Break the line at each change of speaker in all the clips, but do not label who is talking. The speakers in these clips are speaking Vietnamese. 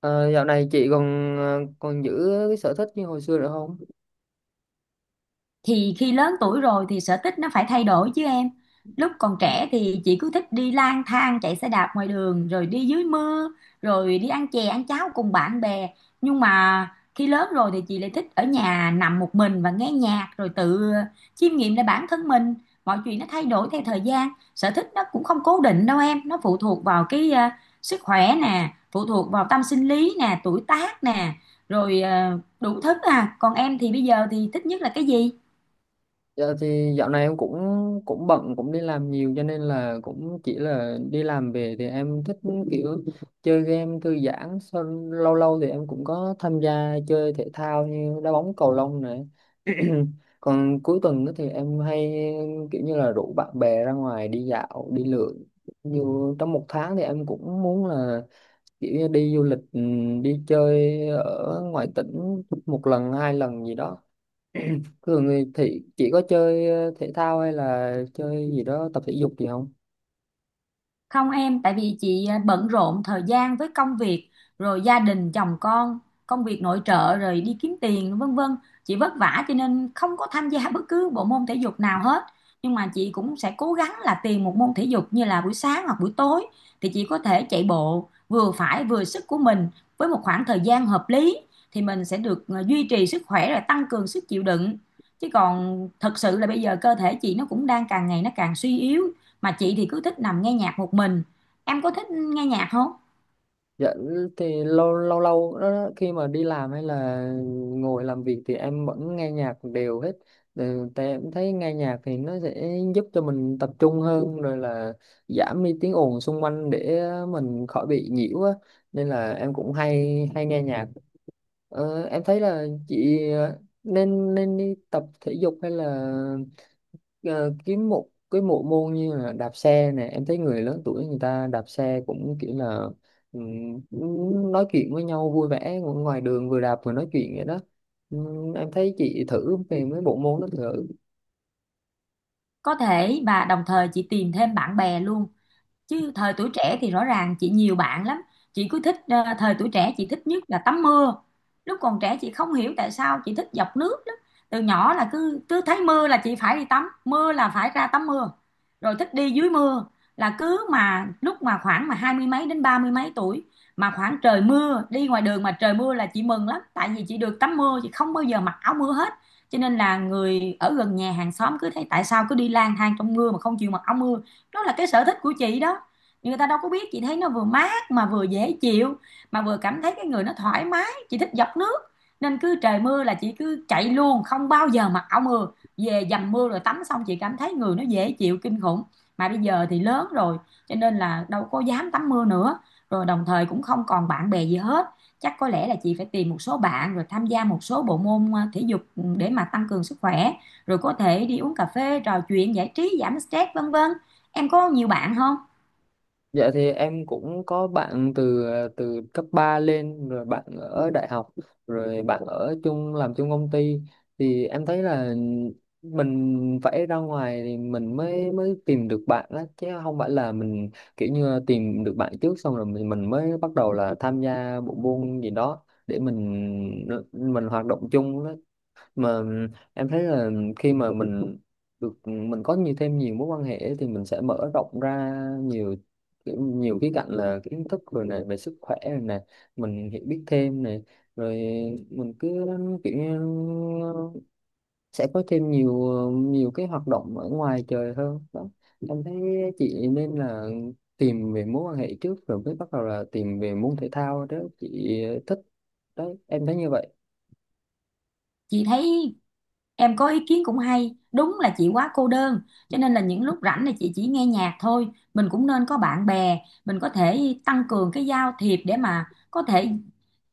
Ờ, dạo này chị còn còn giữ cái sở thích như hồi xưa nữa không?
Thì khi lớn tuổi rồi thì sở thích nó phải thay đổi chứ em. Lúc còn trẻ thì chị cứ thích đi lang thang chạy xe đạp ngoài đường rồi đi dưới mưa, rồi đi ăn chè ăn cháo cùng bạn bè. Nhưng mà khi lớn rồi thì chị lại thích ở nhà nằm một mình và nghe nhạc, rồi tự chiêm nghiệm lại bản thân mình. Mọi chuyện nó thay đổi theo thời gian. Sở thích nó cũng không cố định đâu em, nó phụ thuộc vào cái sức khỏe nè, phụ thuộc vào tâm sinh lý nè, tuổi tác nè, rồi đủ thứ à. Còn em thì bây giờ thì thích nhất là cái gì?
Dạ thì dạo này em cũng cũng bận cũng đi làm nhiều cho nên là cũng chỉ là đi làm về thì em thích kiểu chơi game thư giãn sau lâu lâu thì em cũng có tham gia chơi thể thao như đá bóng cầu lông này. Còn cuối tuần đó thì em hay kiểu như là rủ bạn bè ra ngoài đi dạo đi lượn, dù trong một tháng thì em cũng muốn là kiểu như đi du lịch, đi chơi ở ngoài tỉnh một lần hai lần gì đó. Thường thì chỉ có chơi thể thao hay là chơi gì đó tập thể dục gì không?
Không em, tại vì chị bận rộn thời gian với công việc, rồi gia đình, chồng con, công việc nội trợ, rồi đi kiếm tiền, vân vân. Chị vất vả cho nên không có tham gia bất cứ bộ môn thể dục nào hết. Nhưng mà chị cũng sẽ cố gắng là tìm một môn thể dục, như là buổi sáng hoặc buổi tối thì chị có thể chạy bộ vừa phải vừa sức của mình, với một khoảng thời gian hợp lý thì mình sẽ được duy trì sức khỏe, rồi tăng cường sức chịu đựng. Chứ còn thật sự là bây giờ cơ thể chị nó cũng đang càng ngày nó càng suy yếu, mà chị thì cứ thích nằm nghe nhạc một mình. Em có thích nghe nhạc không?
Dạ thì lâu lâu lâu đó, khi mà đi làm hay là ngồi làm việc thì em vẫn nghe nhạc đều hết. Ừ, tại em thấy nghe nhạc thì nó sẽ giúp cho mình tập trung hơn, rồi là giảm đi tiếng ồn xung quanh để mình khỏi bị nhiễu á, nên là em cũng hay hay nghe nhạc. Ờ, em thấy là chị nên nên đi tập thể dục hay là ờ, kiếm một cái bộ môn như là đạp xe nè. Em thấy người lớn tuổi người ta đạp xe cũng kiểu là, cũng nói chuyện với nhau vui vẻ ngoài đường, vừa đạp vừa nói chuyện vậy đó. Em thấy chị thử về mấy bộ môn đó thử.
Có thể, và đồng thời chị tìm thêm bạn bè luôn. Chứ thời tuổi trẻ thì rõ ràng chị nhiều bạn lắm, chị cứ thích thời tuổi trẻ chị thích nhất là tắm mưa. Lúc còn trẻ chị không hiểu tại sao chị thích dọc nước lắm, từ nhỏ là cứ cứ thấy mưa là chị phải đi tắm mưa, là phải ra tắm mưa rồi thích đi dưới mưa. Là cứ mà lúc mà khoảng mà hai mươi mấy đến ba mươi mấy tuổi, mà khoảng trời mưa đi ngoài đường mà trời mưa là chị mừng lắm, tại vì chị được tắm mưa, chị không bao giờ mặc áo mưa hết. Cho nên là người ở gần nhà, hàng xóm cứ thấy tại sao cứ đi lang thang trong mưa mà không chịu mặc áo mưa. Đó là cái sở thích của chị đó, nhưng người ta đâu có biết. Chị thấy nó vừa mát mà vừa dễ chịu, mà vừa cảm thấy cái người nó thoải mái, chị thích dọc nước. Nên cứ trời mưa là chị cứ chạy luôn, không bao giờ mặc áo mưa, về dầm mưa rồi tắm xong chị cảm thấy người nó dễ chịu kinh khủng. Mà bây giờ thì lớn rồi cho nên là đâu có dám tắm mưa nữa, rồi đồng thời cũng không còn bạn bè gì hết. Chắc có lẽ là chị phải tìm một số bạn rồi tham gia một số bộ môn thể dục để mà tăng cường sức khỏe, rồi có thể đi uống cà phê trò chuyện giải trí giảm stress vân vân. Em có nhiều bạn không?
Dạ thì em cũng có bạn từ từ cấp 3 lên, rồi bạn ở đại học, rồi bạn ở chung làm chung công ty. Thì em thấy là mình phải ra ngoài thì mình mới mới tìm được bạn đó, chứ không phải là mình kiểu như tìm được bạn trước xong rồi mình mới bắt đầu là tham gia bộ môn gì đó để mình hoạt động chung. Mà em thấy là khi mà mình được mình có nhiều thêm nhiều mối quan hệ ấy, thì mình sẽ mở rộng ra nhiều nhiều khía cạnh là kiến thức rồi này, về sức khỏe rồi này, mình hiểu biết thêm này, rồi mình cứ kiểu như sẽ có thêm nhiều, nhiều cái hoạt động ở ngoài trời hơn đó. Em thấy chị nên là tìm về mối quan hệ trước rồi mới bắt đầu là tìm về môn thể thao đó chị thích. Đấy, em thấy như vậy.
Chị thấy em có ý kiến cũng hay, đúng là chị quá cô đơn cho nên là những lúc rảnh là chị chỉ nghe nhạc thôi. Mình cũng nên có bạn bè, mình có thể tăng cường cái giao thiệp để mà có thể,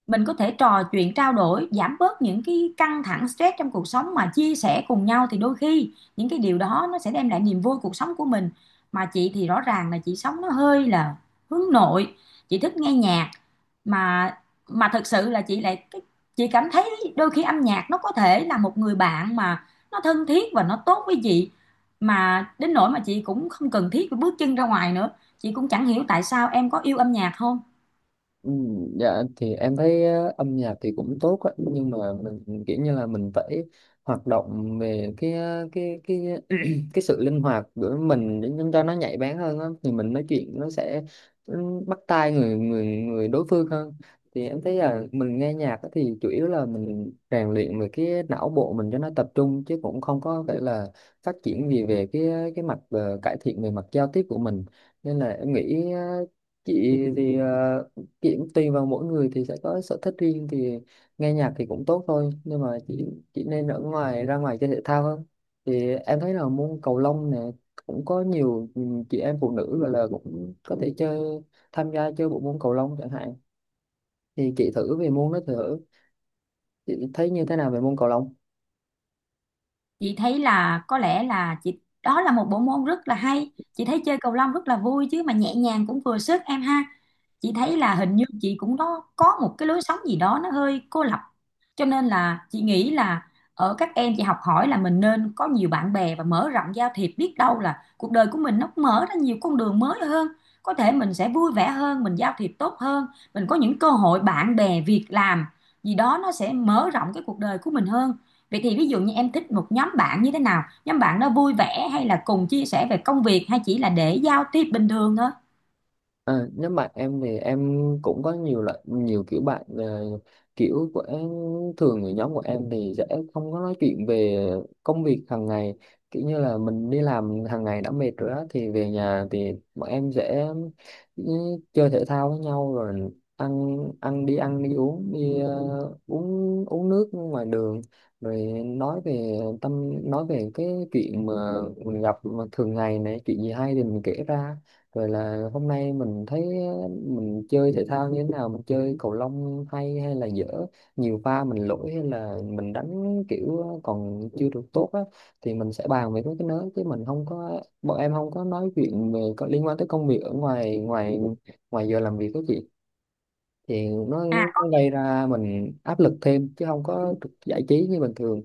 mình có thể trò chuyện trao đổi, giảm bớt những cái căng thẳng stress trong cuộc sống mà chia sẻ cùng nhau, thì đôi khi những cái điều đó nó sẽ đem lại niềm vui cuộc sống của mình. Mà chị thì rõ ràng là chị sống nó hơi là hướng nội, chị thích nghe nhạc. Mà mà thực sự là chị cảm thấy đôi khi âm nhạc nó có thể là một người bạn mà nó thân thiết và nó tốt với chị, mà đến nỗi mà chị cũng không cần thiết phải bước chân ra ngoài nữa. Chị cũng chẳng hiểu tại sao. Em có yêu âm nhạc không?
Ừ, dạ thì em thấy âm nhạc thì cũng tốt á, nhưng mà mình kiểu như là mình phải hoạt động về cái cái sự linh hoạt của mình để cho nó nhạy bén hơn á, thì mình nói chuyện nó sẽ, ừ, bắt tai người người người đối phương hơn. Thì em thấy là mình nghe nhạc á thì chủ yếu là mình rèn luyện về cái não bộ mình cho nó tập trung, chứ cũng không có phải là phát triển gì về cái mặt, cải thiện về mặt giao tiếp của mình. Nên là em nghĩ chị thì chị cũng tùy vào mỗi người thì sẽ có sở thích riêng. Thì nghe nhạc thì cũng tốt thôi, nhưng mà chị nên ở ngoài ra ngoài chơi thể thao hơn. Thì em thấy là môn cầu lông này cũng có nhiều, ừ, chị em phụ nữ gọi là cũng có thể chơi, tham gia chơi bộ môn cầu lông chẳng hạn. Thì chị thử về môn đó thử. Chị thấy như thế nào về môn cầu lông?
Chị thấy là có lẽ là chị, đó là một bộ môn rất là hay, chị thấy chơi cầu lông rất là vui chứ, mà nhẹ nhàng cũng vừa sức em ha. Chị thấy là hình như chị cũng đó có một cái lối sống gì đó nó hơi cô lập, cho nên là chị nghĩ là ở các em chị học hỏi, là mình nên có nhiều bạn bè và mở rộng giao thiệp, biết đâu là cuộc đời của mình nó mở ra nhiều con đường mới hơn. Có thể mình sẽ vui vẻ hơn, mình giao thiệp tốt hơn, mình có những cơ hội bạn bè, việc làm gì đó nó sẽ mở rộng cái cuộc đời của mình hơn. Vậy thì ví dụ như em thích một nhóm bạn như thế nào? Nhóm bạn đó vui vẻ hay là cùng chia sẻ về công việc, hay chỉ là để giao tiếp bình thường thôi?
À, nếu mà em thì em cũng có nhiều loại, nhiều kiểu bạn. Ờ, Kiểu của em, thường người nhóm của em thì sẽ không có nói chuyện về công việc hàng ngày. Kiểu như là mình đi làm hàng ngày đã mệt rồi á, thì về nhà thì bọn em sẽ, ừ, chơi thể thao với nhau, rồi ăn ăn đi uống, đi uống uống nước ngoài đường, rồi nói về tâm, nói về cái chuyện mà mình gặp mà thường ngày này, chuyện gì hay thì mình kể ra. Rồi là hôm nay mình thấy mình chơi thể thao như thế nào, mình chơi cầu lông hay hay là dở, nhiều pha mình lỗi hay là mình đánh kiểu còn chưa được tốt á. Thì mình sẽ bàn về mấy cái đó, chứ mình không có bọn em không có nói chuyện về có liên quan tới công việc ở ngoài ngoài ngoài giờ làm việc đó chị. Thì
À,
nó gây ra mình áp lực thêm chứ không có được giải trí như bình thường.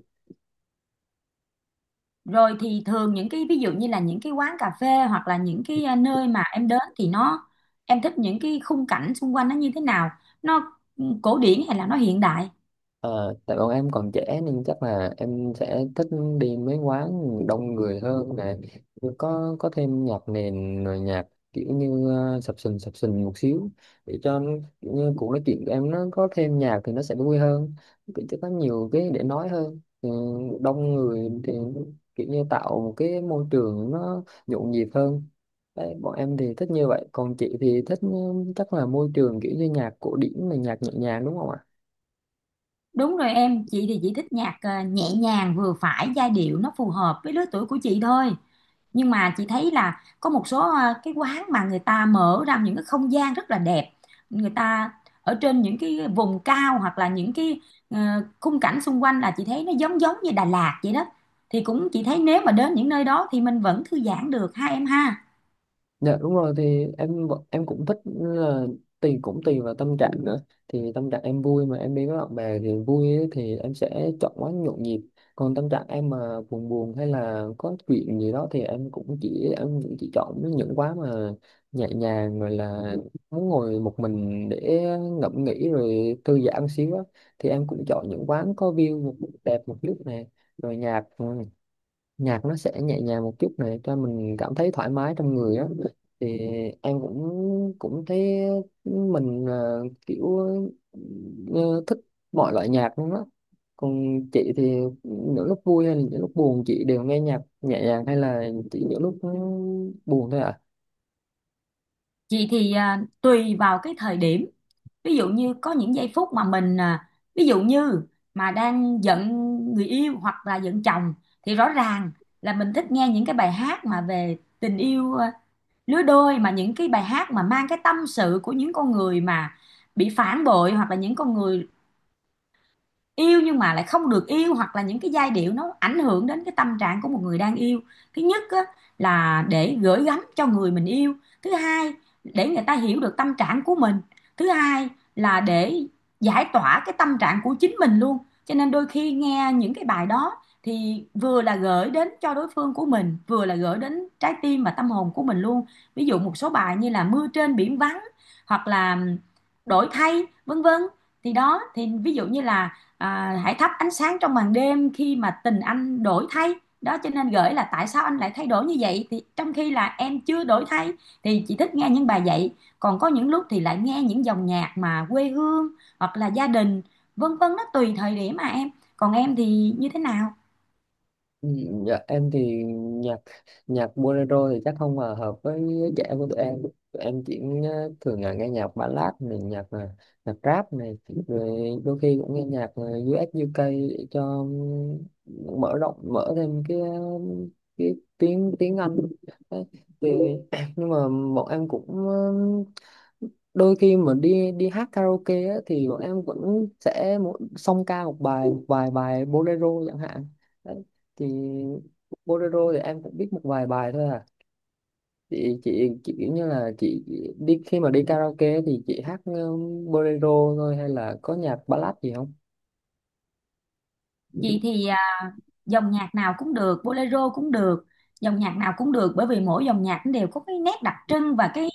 rồi thì thường những cái ví dụ như là những cái quán cà phê, hoặc là những cái nơi mà em đến thì em thích những cái khung cảnh xung quanh nó như thế nào? Nó cổ điển hay là nó hiện đại?
Ờ, tại bọn em còn trẻ nên chắc là em sẽ thích đi mấy quán đông người hơn nè, có thêm nhạc nền rồi nhạc kiểu như sập sình một xíu, để cho kiểu như cuộc nói chuyện của em nó có thêm nhạc thì nó sẽ vui hơn, kiểu cho có nhiều cái để nói hơn. Ừ, đông người thì kiểu như tạo một cái môi trường nó nhộn nhịp hơn. Đấy, bọn em thì thích như vậy, còn chị thì thích, ừ, chắc là môi trường kiểu như nhạc cổ điển là nhạc nhẹ nhàng đúng không ạ?
Đúng rồi em, chị thì chị thích nhạc nhẹ nhàng vừa phải, giai điệu nó phù hợp với lứa tuổi của chị thôi. Nhưng mà chị thấy là có một số cái quán mà người ta mở ra những cái không gian rất là đẹp. Người ta ở trên những cái vùng cao, hoặc là những cái ờ, khung cảnh xung quanh là chị thấy nó giống giống như Đà Lạt vậy đó. Thì cũng chị thấy nếu mà đến những nơi đó thì mình vẫn thư giãn được ha em ha.
Dạ đúng rồi, thì em cũng thích là cũng tùy vào tâm trạng nữa. Thì tâm trạng em vui mà em đi với bạn bè thì vui ấy, thì em sẽ chọn quán nhộn nhịp. Còn tâm trạng em mà buồn buồn hay là có chuyện gì đó thì em cũng chỉ chọn những quán mà nhẹ nhàng, rồi là muốn ngồi một mình để ngẫm nghĩ rồi thư giãn xíu á. Thì em cũng chọn những quán có view đẹp một lúc này, rồi nhạc, nhạc nó sẽ nhẹ nhàng một chút này cho mình cảm thấy thoải mái trong người á. Thì em cũng cũng thấy mình ờ, thích mọi loại nhạc luôn á. Còn chị thì những lúc vui hay là những lúc buồn chị đều nghe nhạc nhẹ nhàng, hay là chỉ những lúc buồn thôi ạ?
Chị thì tùy vào cái thời điểm. Ví dụ như có những giây phút mà mình ví dụ như mà đang giận người yêu hoặc là giận chồng, thì rõ ràng là mình thích nghe những cái bài hát mà về tình yêu lứa đôi, mà những cái bài hát mà mang cái tâm sự của những con người mà bị phản bội, hoặc là những con người yêu nhưng mà lại không được yêu, hoặc là những cái giai điệu nó ảnh hưởng đến cái tâm trạng của một người đang yêu. Thứ nhất á, là để gửi gắm cho người mình yêu. Thứ hai, để người ta hiểu được tâm trạng của mình. Thứ hai, là để giải tỏa cái tâm trạng của chính mình luôn. Cho nên đôi khi nghe những cái bài đó thì vừa là gửi đến cho đối phương của mình, vừa là gửi đến trái tim và tâm hồn của mình luôn. Ví dụ một số bài như là Mưa trên biển vắng, hoặc là Đổi thay, vân vân. Thì đó, thì ví dụ như là hãy thắp ánh sáng trong màn đêm khi mà tình anh đổi thay. Đó cho nên gửi là tại sao anh lại thay đổi như vậy, thì trong khi là em chưa đổi thay. Thì chị thích nghe những bài vậy. Còn có những lúc thì lại nghe những dòng nhạc mà quê hương, hoặc là gia đình vân vân, nó tùy thời điểm mà em. Còn em thì như thế nào?
Ừ, dạ, em thì nhạc nhạc bolero thì chắc không hòa hợp với trẻ của tụi em. Tụi em chỉ, thường là nghe nhạc ballad này, nhạc nhạc rap này, rồi đôi khi cũng nghe nhạc US UK để cho, ừ, mở rộng mở thêm cái cái tiếng tiếng Anh. Đấy. Thì nhưng mà bọn em cũng đôi khi mà đi đi hát karaoke á, thì bọn em vẫn sẽ song ca một bài, một vài bài bolero chẳng hạn. Đấy. Thì bolero thì em cũng biết một vài bài thôi à. Chị kiểu như là chị khi mà đi karaoke thì chị hát bolero thôi, hay là có nhạc ballad gì không?
Chị thì dòng nhạc nào cũng được, bolero cũng được, dòng nhạc nào cũng được. Bởi vì mỗi dòng nhạc nó đều có cái nét đặc trưng và cái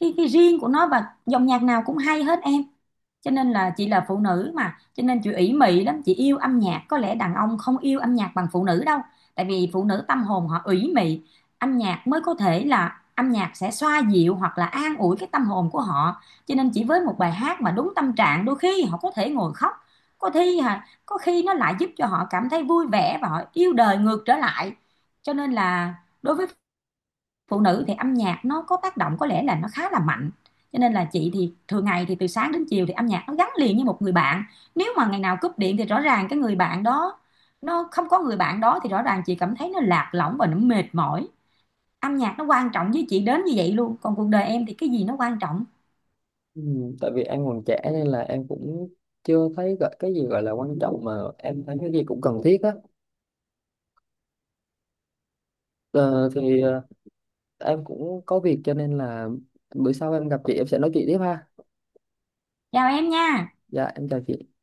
cái cái riêng của nó, và dòng nhạc nào cũng hay hết em. Cho nên là chị là phụ nữ mà cho nên chị ỷ mị lắm, chị yêu âm nhạc. Có lẽ đàn ông không yêu âm nhạc bằng phụ nữ đâu, tại vì phụ nữ tâm hồn họ ủy mị, âm nhạc mới có thể là, âm nhạc sẽ xoa dịu hoặc là an ủi cái tâm hồn của họ. Cho nên chỉ với một bài hát mà đúng tâm trạng, đôi khi họ có thể ngồi khóc. Có khi hả, có khi nó lại giúp cho họ cảm thấy vui vẻ và họ yêu đời ngược trở lại. Cho nên là đối với phụ nữ thì âm nhạc nó có tác động, có lẽ là nó khá là mạnh. Cho nên là chị thì thường ngày thì từ sáng đến chiều thì âm nhạc nó gắn liền như một người bạn. Nếu mà ngày nào cúp điện thì rõ ràng cái người bạn đó, nó không có người bạn đó thì rõ ràng chị cảm thấy nó lạc lõng và nó mệt mỏi. Âm nhạc nó quan trọng với chị đến như vậy luôn. Còn cuộc đời em thì cái gì nó quan trọng?
Ừ, tại vì em còn trẻ nên là em cũng chưa thấy gọi- cái gì gọi là quan trọng mà em thấy cái gì cũng cần thiết á. Ờ, thì em cũng có việc cho nên là bữa sau em gặp chị em sẽ nói chuyện tiếp ha.
Chào em nha.
Dạ em chào chị.